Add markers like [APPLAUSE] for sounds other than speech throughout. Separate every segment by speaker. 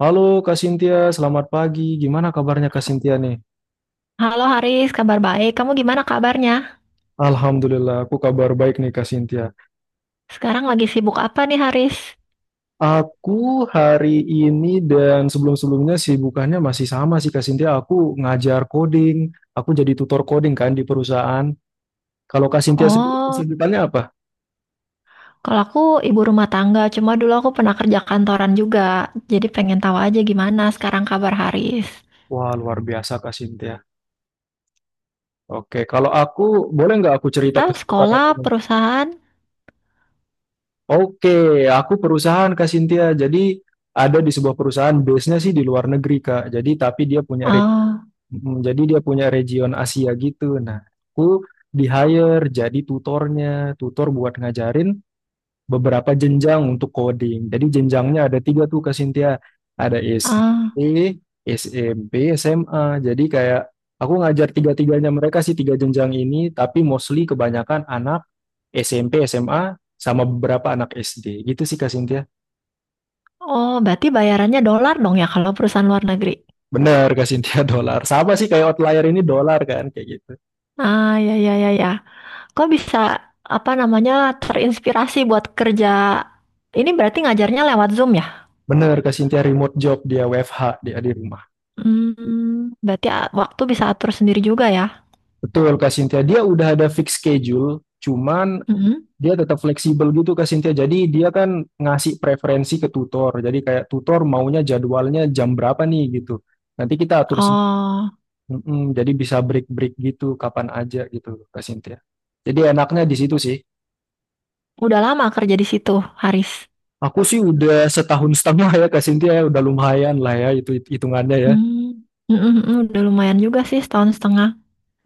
Speaker 1: Halo Kak Sintia, selamat pagi. Gimana kabarnya Kak Sintia nih?
Speaker 2: Halo Haris, kabar baik. Kamu gimana kabarnya?
Speaker 1: Alhamdulillah, aku kabar baik nih Kak Sintia.
Speaker 2: Sekarang lagi sibuk apa nih Haris?
Speaker 1: Aku hari ini dan sebelum-sebelumnya sibukannya masih sama sih Kak Sintia. Aku ngajar coding, aku jadi tutor coding kan di perusahaan. Kalau Kak Sintia sendiri
Speaker 2: Oh,
Speaker 1: kesibukannya apa?
Speaker 2: kalau aku ibu rumah tangga, cuma dulu aku pernah kerja kantoran juga. Jadi pengen tahu aja gimana sekarang kabar Haris.
Speaker 1: Wah, luar biasa Kak Sintia. Oke, kalau aku, boleh nggak aku cerita
Speaker 2: Kita
Speaker 1: kesibukan aku
Speaker 2: sekolah,
Speaker 1: nih?
Speaker 2: perusahaan,
Speaker 1: Oke, aku perusahaan Kak Sintia. Jadi ada di sebuah perusahaan, base-nya sih di luar negeri Kak. Jadi tapi dia punya
Speaker 2: ah,
Speaker 1: Jadi dia punya region Asia gitu. Nah, aku di hire jadi tutornya, tutor buat ngajarin beberapa jenjang untuk coding. Jadi jenjangnya ada tiga tuh Kak Cynthia. Ada
Speaker 2: ah,
Speaker 1: SD, SMP, SMA. Jadi kayak aku ngajar tiga-tiganya mereka sih tiga jenjang ini, tapi mostly kebanyakan anak SMP, SMA, sama beberapa anak SD. Gitu sih Kak Cynthia.
Speaker 2: oh berarti bayarannya dolar dong ya kalau perusahaan luar negeri.
Speaker 1: Bener Kak Cynthia, [LAUGHS] dolar. Sama sih kayak outlier ini dolar kan kayak gitu.
Speaker 2: Ah, ya, ya, ya, ya. Kok bisa, apa namanya, terinspirasi buat kerja? Ini berarti ngajarnya lewat Zoom ya?
Speaker 1: Bener, Kak Cynthia, remote job, dia WFH, dia di rumah.
Speaker 2: Hmm, berarti waktu bisa atur sendiri juga ya?
Speaker 1: Betul, Kak Cynthia. Dia udah ada fix schedule, cuman
Speaker 2: Mm-mm.
Speaker 1: dia tetap fleksibel gitu, Kak Cynthia. Jadi dia kan ngasih preferensi ke tutor. Jadi kayak tutor maunya jadwalnya jam berapa nih gitu. Nanti kita atur,
Speaker 2: Oh,
Speaker 1: mm-mm, jadi bisa break-break gitu, kapan aja gitu, Kak Cynthia. Jadi enaknya di situ sih.
Speaker 2: udah lama kerja di situ, Haris.
Speaker 1: Aku sih udah setahun setengah ya, Kak Cynthia, ya. Udah lumayan lah ya, itu hitungannya ya.
Speaker 2: Hmm, mm-mm, udah lumayan juga sih setahun setengah.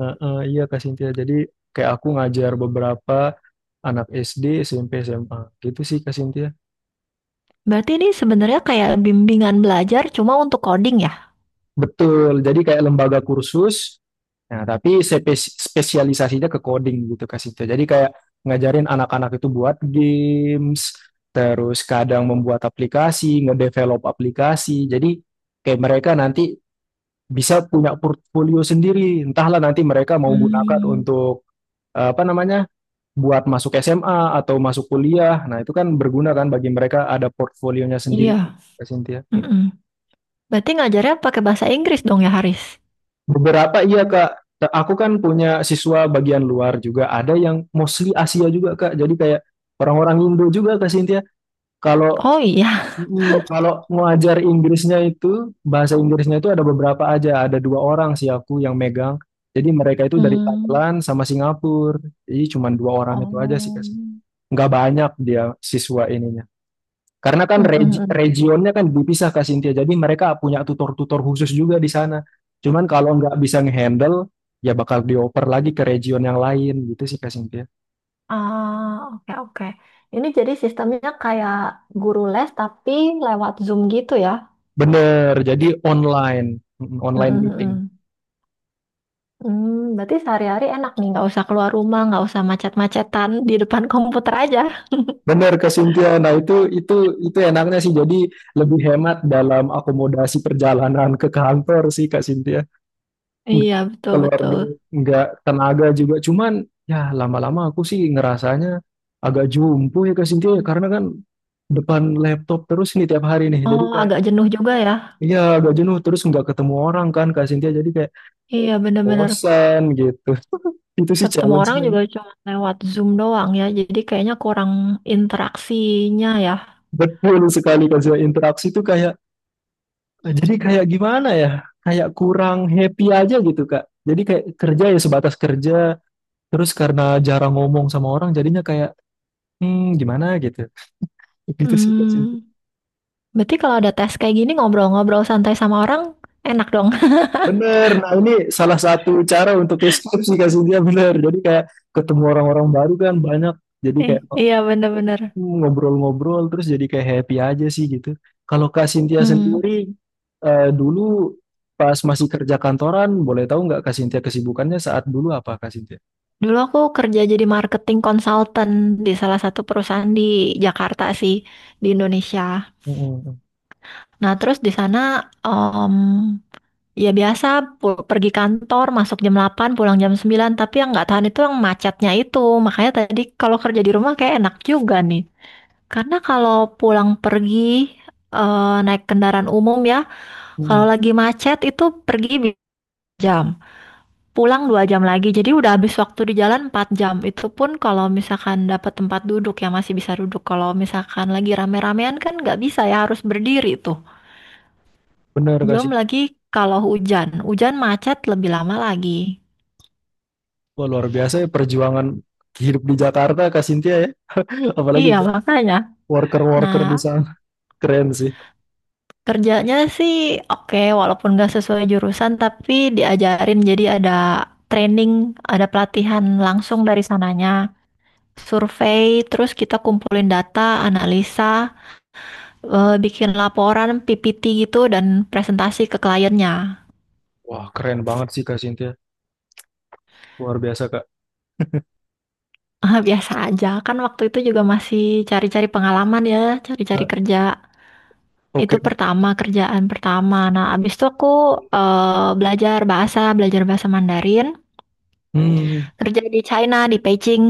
Speaker 1: Heeh, iya Kak Sintia. Jadi kayak aku ngajar beberapa anak SD, SMP, SMA. Gitu sih Kak Sintia.
Speaker 2: Berarti ini sebenarnya kayak bimbingan belajar cuma untuk coding ya?
Speaker 1: Betul. Jadi kayak lembaga kursus. Nah, tapi spesialisasinya ke coding gitu Kak Sintia. Jadi kayak ngajarin anak-anak itu buat games, terus kadang membuat aplikasi, ngedevelop aplikasi. Jadi kayak mereka nanti bisa punya portfolio sendiri. Entahlah nanti mereka mau gunakan
Speaker 2: Hmm,
Speaker 1: untuk apa namanya, buat masuk SMA atau masuk kuliah. Nah, itu kan berguna kan bagi mereka ada portfolionya sendiri,
Speaker 2: iya.
Speaker 1: Kak Cynthia.
Speaker 2: Mm-mm. Berarti ngajarnya pakai bahasa Inggris dong ya, Haris?
Speaker 1: Beberapa iya, Kak. Aku kan punya siswa bagian luar juga. Ada yang mostly Asia juga, Kak. Jadi kayak orang-orang Indo juga, Kak Cynthia. Kalau
Speaker 2: Oh iya.
Speaker 1: kalau ngajar Inggrisnya itu, bahasa Inggrisnya itu ada beberapa aja. Ada dua orang sih aku yang megang. Jadi mereka itu dari
Speaker 2: Hmm,
Speaker 1: Thailand sama Singapura. Jadi cuma dua orang itu aja sih,
Speaker 2: oh.
Speaker 1: Kak. Nggak banyak dia siswa ininya. Karena kan
Speaker 2: Mm-mm.
Speaker 1: regionnya kan dipisah Kak Sintia. Jadi mereka punya tutor-tutor khusus juga di sana. Cuman kalau nggak bisa ngehandle, ya bakal dioper lagi ke region yang lain gitu sih Kak Sintia.
Speaker 2: Ah, oke oke. Ini jadi sistemnya kayak guru les tapi lewat Zoom gitu ya?
Speaker 1: Bener, jadi online,
Speaker 2: Mm,
Speaker 1: online
Speaker 2: mm,
Speaker 1: meeting.
Speaker 2: mm. Hmm, berarti sehari-hari enak nih, nggak usah keluar rumah, nggak usah macet-macetan di depan [LAUGHS] komputer aja.
Speaker 1: Bener Kak Sintia. Nah itu enaknya sih. Jadi lebih hemat dalam akomodasi perjalanan ke kantor sih Kak Sintia. Nggak
Speaker 2: Iya,
Speaker 1: keluar
Speaker 2: betul-betul.
Speaker 1: duit, nggak tenaga juga. Cuman ya lama-lama aku sih ngerasanya agak jumpo ya ke Cynthia ya, karena kan depan laptop terus nih tiap hari nih. Jadi
Speaker 2: Oh,
Speaker 1: kayak
Speaker 2: agak jenuh juga ya.
Speaker 1: iya agak jenuh terus nggak ketemu orang kan Kak Cynthia jadi kayak
Speaker 2: Iya, bener-bener.
Speaker 1: bosan gitu. [LAUGHS] Itu sih
Speaker 2: Ketemu orang
Speaker 1: challenge-nya.
Speaker 2: juga cuma lewat Zoom doang ya, jadi kayaknya kurang interaksinya ya.
Speaker 1: Betul sekali Kak Zia. Interaksi itu kayak jadi kayak gimana ya? Kayak kurang happy aja gitu Kak. Jadi kayak kerja ya sebatas kerja, terus karena jarang ngomong sama orang jadinya kayak gimana gitu. Gitu sih Kak Cynthia.
Speaker 2: Hmm, berarti kalau ada tes kayak gini ngobrol-ngobrol santai sama orang, enak dong. [LAUGHS]
Speaker 1: Bener, nah ini salah satu cara untuk escape sih Kak Cynthia, bener. Jadi kayak ketemu orang-orang baru kan banyak, jadi kayak
Speaker 2: Eh, Iya, bener-bener.
Speaker 1: ngobrol-ngobrol terus jadi kayak happy aja sih gitu. Kalau Kak Cynthia
Speaker 2: Hmm.
Speaker 1: sendiri dulu pas masih kerja kantoran, boleh tahu nggak Kak Cynthia kesibukannya saat dulu apa Kak Cynthia?
Speaker 2: Dulu aku kerja jadi marketing consultant di salah satu perusahaan di Jakarta sih, di Indonesia.
Speaker 1: Mm-mm,
Speaker 2: Nah, terus di sana ya biasa pergi kantor masuk jam 8 pulang jam 9 tapi yang nggak tahan itu yang macetnya itu. Makanya tadi kalau kerja di rumah kayak enak juga nih. Karena kalau pulang pergi naik kendaraan umum ya, kalau
Speaker 1: mm-mm.
Speaker 2: lagi macet itu pergi jam, pulang 2 jam lagi. Jadi udah habis waktu di jalan 4 jam. Itu pun kalau misalkan dapat tempat duduk ya masih bisa duduk. Kalau misalkan lagi rame-ramean kan nggak bisa ya harus berdiri itu.
Speaker 1: Bener Kak
Speaker 2: Belum
Speaker 1: Cynthia.
Speaker 2: lagi kalau hujan. Hujan macet lebih lama lagi.
Speaker 1: Wah, luar biasa ya perjuangan hidup di Jakarta Kak Cynthia ya, [LAUGHS] apalagi
Speaker 2: Iya,
Speaker 1: buat
Speaker 2: makanya. Nah,
Speaker 1: worker-worker di sana. Keren sih.
Speaker 2: kerjanya sih oke, walaupun nggak sesuai jurusan, tapi diajarin jadi ada training, ada pelatihan langsung dari sananya. Survei, terus kita kumpulin data, analisa, bikin laporan, PPT gitu, dan presentasi ke kliennya.
Speaker 1: Wah, keren banget sih Kak Cynthia. Luar biasa, Kak.
Speaker 2: [LAUGHS] Biasa aja, kan waktu itu juga masih cari-cari pengalaman ya, cari-cari
Speaker 1: Nah,
Speaker 2: kerja.
Speaker 1: oke.
Speaker 2: Itu pertama, kerjaan pertama. Nah, abis itu aku belajar bahasa Mandarin,
Speaker 1: Hmm.
Speaker 2: kerja di China, di Beijing.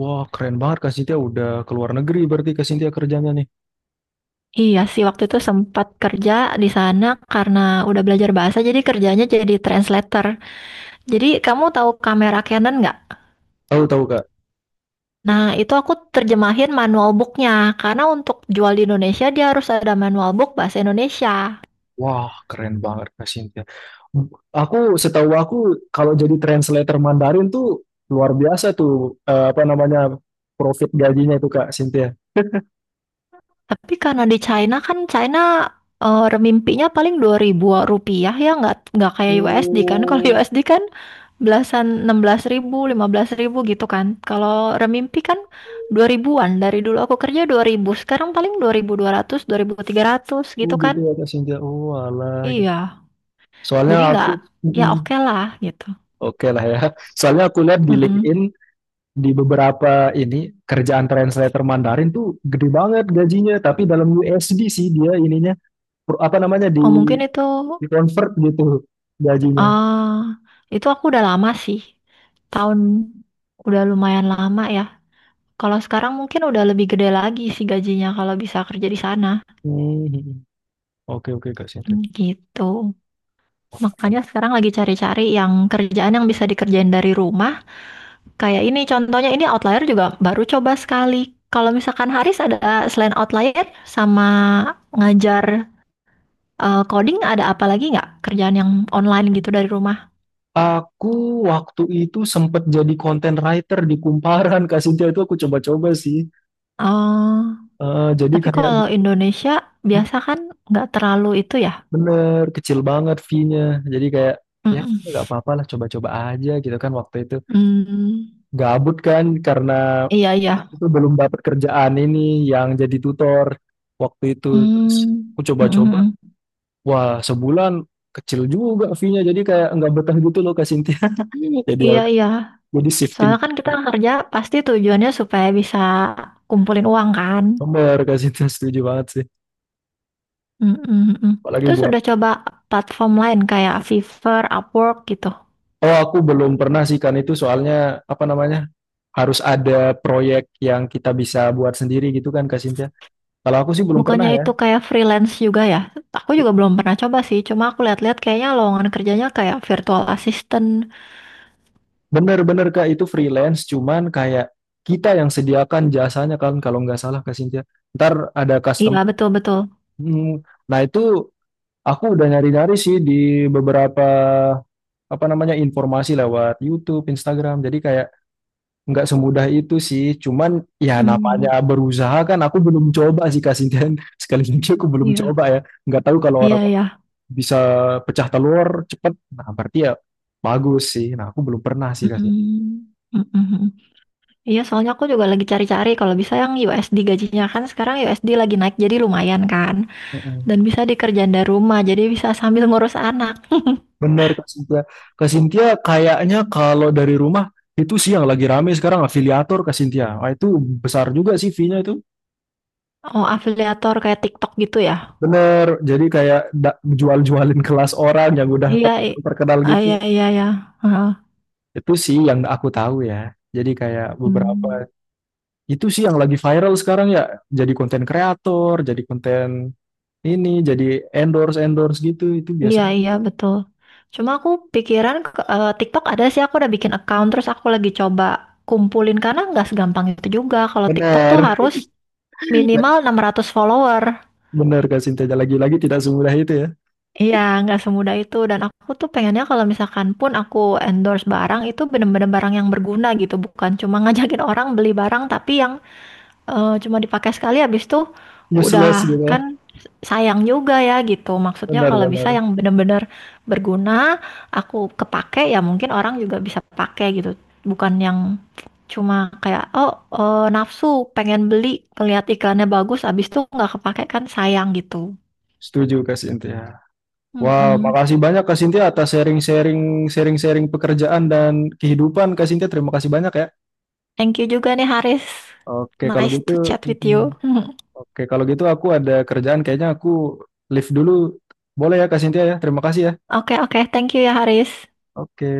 Speaker 1: Wah, keren banget Kak Sintia, udah keluar negeri berarti Kak Sintia kerjanya nih.
Speaker 2: Iya sih, waktu itu sempat kerja di sana karena udah belajar bahasa, jadi kerjanya jadi translator. Jadi kamu tahu kamera Canon nggak?
Speaker 1: Tahu-tahu Kak.
Speaker 2: Nah, itu aku terjemahin manual booknya, karena untuk jual di Indonesia dia harus ada manual book bahasa Indonesia.
Speaker 1: Wah, keren banget Kak Sintia. Hmm. Aku setahu aku kalau jadi translator Mandarin tuh luar biasa tuh, apa namanya, profit gajinya itu Kak Sintia.
Speaker 2: Tapi karena di China kan China remimpinya paling 2.000 rupiah ya nggak kayak USD kan. [LAUGHS] Kalau
Speaker 1: Oh,
Speaker 2: USD kan belasan 16.000, 15.000 gitu kan. Kalau remimpi kan 2.000-an Dari dulu aku kerja 2.000 sekarang paling 2.200, dua ribu ribu ratus tiga ratus
Speaker 1: oh
Speaker 2: gitu kan.
Speaker 1: gitu ya Kak Sintia. Oh, alah
Speaker 2: Iya.
Speaker 1: gitu. Soalnya
Speaker 2: Jadi
Speaker 1: aku
Speaker 2: nggak
Speaker 1: mm,
Speaker 2: ya
Speaker 1: mm.
Speaker 2: oke lah gitu.
Speaker 1: Oke lah ya. Soalnya aku lihat di
Speaker 2: Mm-mm.
Speaker 1: LinkedIn di beberapa ini kerjaan translator Mandarin tuh gede banget gajinya, tapi dalam USD sih dia ininya apa namanya, di
Speaker 2: Oh mungkin
Speaker 1: di convert gitu gajinya.
Speaker 2: ah itu aku udah lama sih. Tahun udah lumayan lama ya. Kalau sekarang mungkin udah lebih gede lagi sih gajinya kalau bisa kerja di sana.
Speaker 1: Hmm. Oke oke Kak Sinta.
Speaker 2: Hmm, gitu.
Speaker 1: Oh, keren.
Speaker 2: Makanya sekarang lagi cari-cari yang kerjaan yang bisa dikerjain dari rumah. Kayak ini contohnya ini outlier juga baru coba sekali. Kalau misalkan Haris ada selain outlier sama ngajar coding ada apa lagi nggak kerjaan yang online gitu dari rumah?
Speaker 1: Aku waktu itu sempat jadi content writer di Kumparan Kak Sinta, itu aku coba-coba sih.
Speaker 2: Oh,
Speaker 1: Jadi
Speaker 2: tapi
Speaker 1: kayak
Speaker 2: kalau Indonesia biasa kan nggak terlalu itu ya.
Speaker 1: bener kecil banget fee-nya. Jadi kayak ya
Speaker 2: Mm-mm.
Speaker 1: nggak apa-apa lah coba-coba aja gitu kan waktu itu
Speaker 2: Hmm,
Speaker 1: gabut kan karena
Speaker 2: iya iya.
Speaker 1: itu belum dapat kerjaan ini yang jadi tutor waktu itu, terus
Speaker 2: Hmm.
Speaker 1: aku coba-coba,
Speaker 2: Mm-mm.
Speaker 1: wah sebulan kecil juga fee-nya jadi kayak nggak betah gitu loh Kak Sintia. [LAUGHS] Jadi ya
Speaker 2: Iya, iya.
Speaker 1: jadi shifting
Speaker 2: Soalnya kan kita kerja pasti tujuannya supaya bisa kumpulin uang kan.
Speaker 1: nomor Kak Sintia, setuju banget sih
Speaker 2: Mm, mm, mm.
Speaker 1: apalagi
Speaker 2: Terus
Speaker 1: buat.
Speaker 2: udah coba platform lain kayak Fiverr, Upwork gitu.
Speaker 1: Oh aku belum pernah sih kan itu soalnya apa namanya harus ada proyek yang kita bisa buat sendiri gitu kan Kak Sintia, kalau aku sih belum pernah
Speaker 2: Bukannya
Speaker 1: ya.
Speaker 2: itu kayak freelance juga ya? Aku juga belum pernah coba sih. Cuma aku lihat-lihat kayaknya lowongan kerjanya kayak virtual assistant.
Speaker 1: Bener-bener Kak, itu freelance cuman kayak kita yang sediakan jasanya kan kalau nggak salah Kak Cynthia. Ntar ada
Speaker 2: Iya,
Speaker 1: customer.
Speaker 2: betul-betul.
Speaker 1: Hmm, nah itu aku udah nyari-nyari sih di beberapa apa namanya informasi lewat YouTube, Instagram. Jadi kayak nggak semudah itu sih. Cuman ya namanya
Speaker 2: Hmm,
Speaker 1: berusaha kan aku belum coba sih Kak Cynthia. [LAUGHS] Sekali lagi aku belum coba
Speaker 2: iya,
Speaker 1: ya. Nggak tahu kalau
Speaker 2: iya, iya.
Speaker 1: orang-orang bisa pecah telur cepet. Nah berarti ya bagus sih. Nah aku belum pernah sih Kak
Speaker 2: Mm, mm, mm, mm. Iya, soalnya aku juga lagi cari-cari. Kalau bisa yang USD gajinya kan sekarang USD lagi naik jadi lumayan kan.
Speaker 1: Cynthia.
Speaker 2: Dan bisa dikerjain dari rumah, jadi bisa sambil ngurus anak. [LAUGHS]
Speaker 1: Bener Kak Sintia. Kak Sintia kayaknya kalau dari rumah itu sih yang lagi rame sekarang afiliator Kak Sintia. Wah, itu besar juga sih fee-nya itu.
Speaker 2: Oh, afiliator kayak TikTok gitu ya?
Speaker 1: Bener. Jadi kayak jual-jualin [LAUGHS] kelas orang yang udah
Speaker 2: Iya,
Speaker 1: terkenal
Speaker 2: iya,
Speaker 1: gitu.
Speaker 2: iya, iya. Heeh.
Speaker 1: Itu sih yang aku tahu ya. Jadi kayak beberapa
Speaker 2: Hmm.
Speaker 1: itu sih yang lagi viral sekarang ya. Jadi konten kreator, jadi konten ini, jadi endorse endorse gitu itu
Speaker 2: Iya,
Speaker 1: biasanya.
Speaker 2: iya, betul. Cuma aku pikiran TikTok ada sih, aku udah bikin account, terus aku lagi coba kumpulin, karena nggak segampang itu juga. Kalau TikTok tuh
Speaker 1: Bener.
Speaker 2: harus minimal 600 follower.
Speaker 1: Bener Kak Sintia. Lagi-lagi tidak semudah itu ya.
Speaker 2: Iya, nggak semudah itu. Dan aku tuh pengennya kalau misalkan pun aku endorse barang, itu bener-bener barang yang berguna gitu. Bukan cuma [LAUGHS] ngajakin orang beli barang, tapi yang cuma dipakai sekali habis itu
Speaker 1: Useless
Speaker 2: udah
Speaker 1: gitu ya.
Speaker 2: kan sayang juga ya gitu. Maksudnya kalau bisa
Speaker 1: Benar-benar.
Speaker 2: yang benar-benar berguna, aku kepake ya mungkin orang juga bisa pakai gitu. Bukan yang cuma kayak oh nafsu pengen beli ngeliat iklannya bagus habis itu nggak kepake kan sayang gitu.
Speaker 1: Setuju Kak Sintia. Wah,
Speaker 2: Mm-mm.
Speaker 1: makasih banyak Kak Sintia atas sharing-sharing pekerjaan dan kehidupan Kak Sintia. Terima kasih banyak ya.
Speaker 2: Thank you juga nih Haris.
Speaker 1: Oke, kalau
Speaker 2: Nice
Speaker 1: gitu
Speaker 2: to chat with
Speaker 1: mm,
Speaker 2: you. [LAUGHS]
Speaker 1: oke, kalau gitu aku ada kerjaan kayaknya aku live dulu. Boleh ya Kak Sintia ya? Terima kasih ya.
Speaker 2: Oke oke, Thank you ya Haris.
Speaker 1: Oke.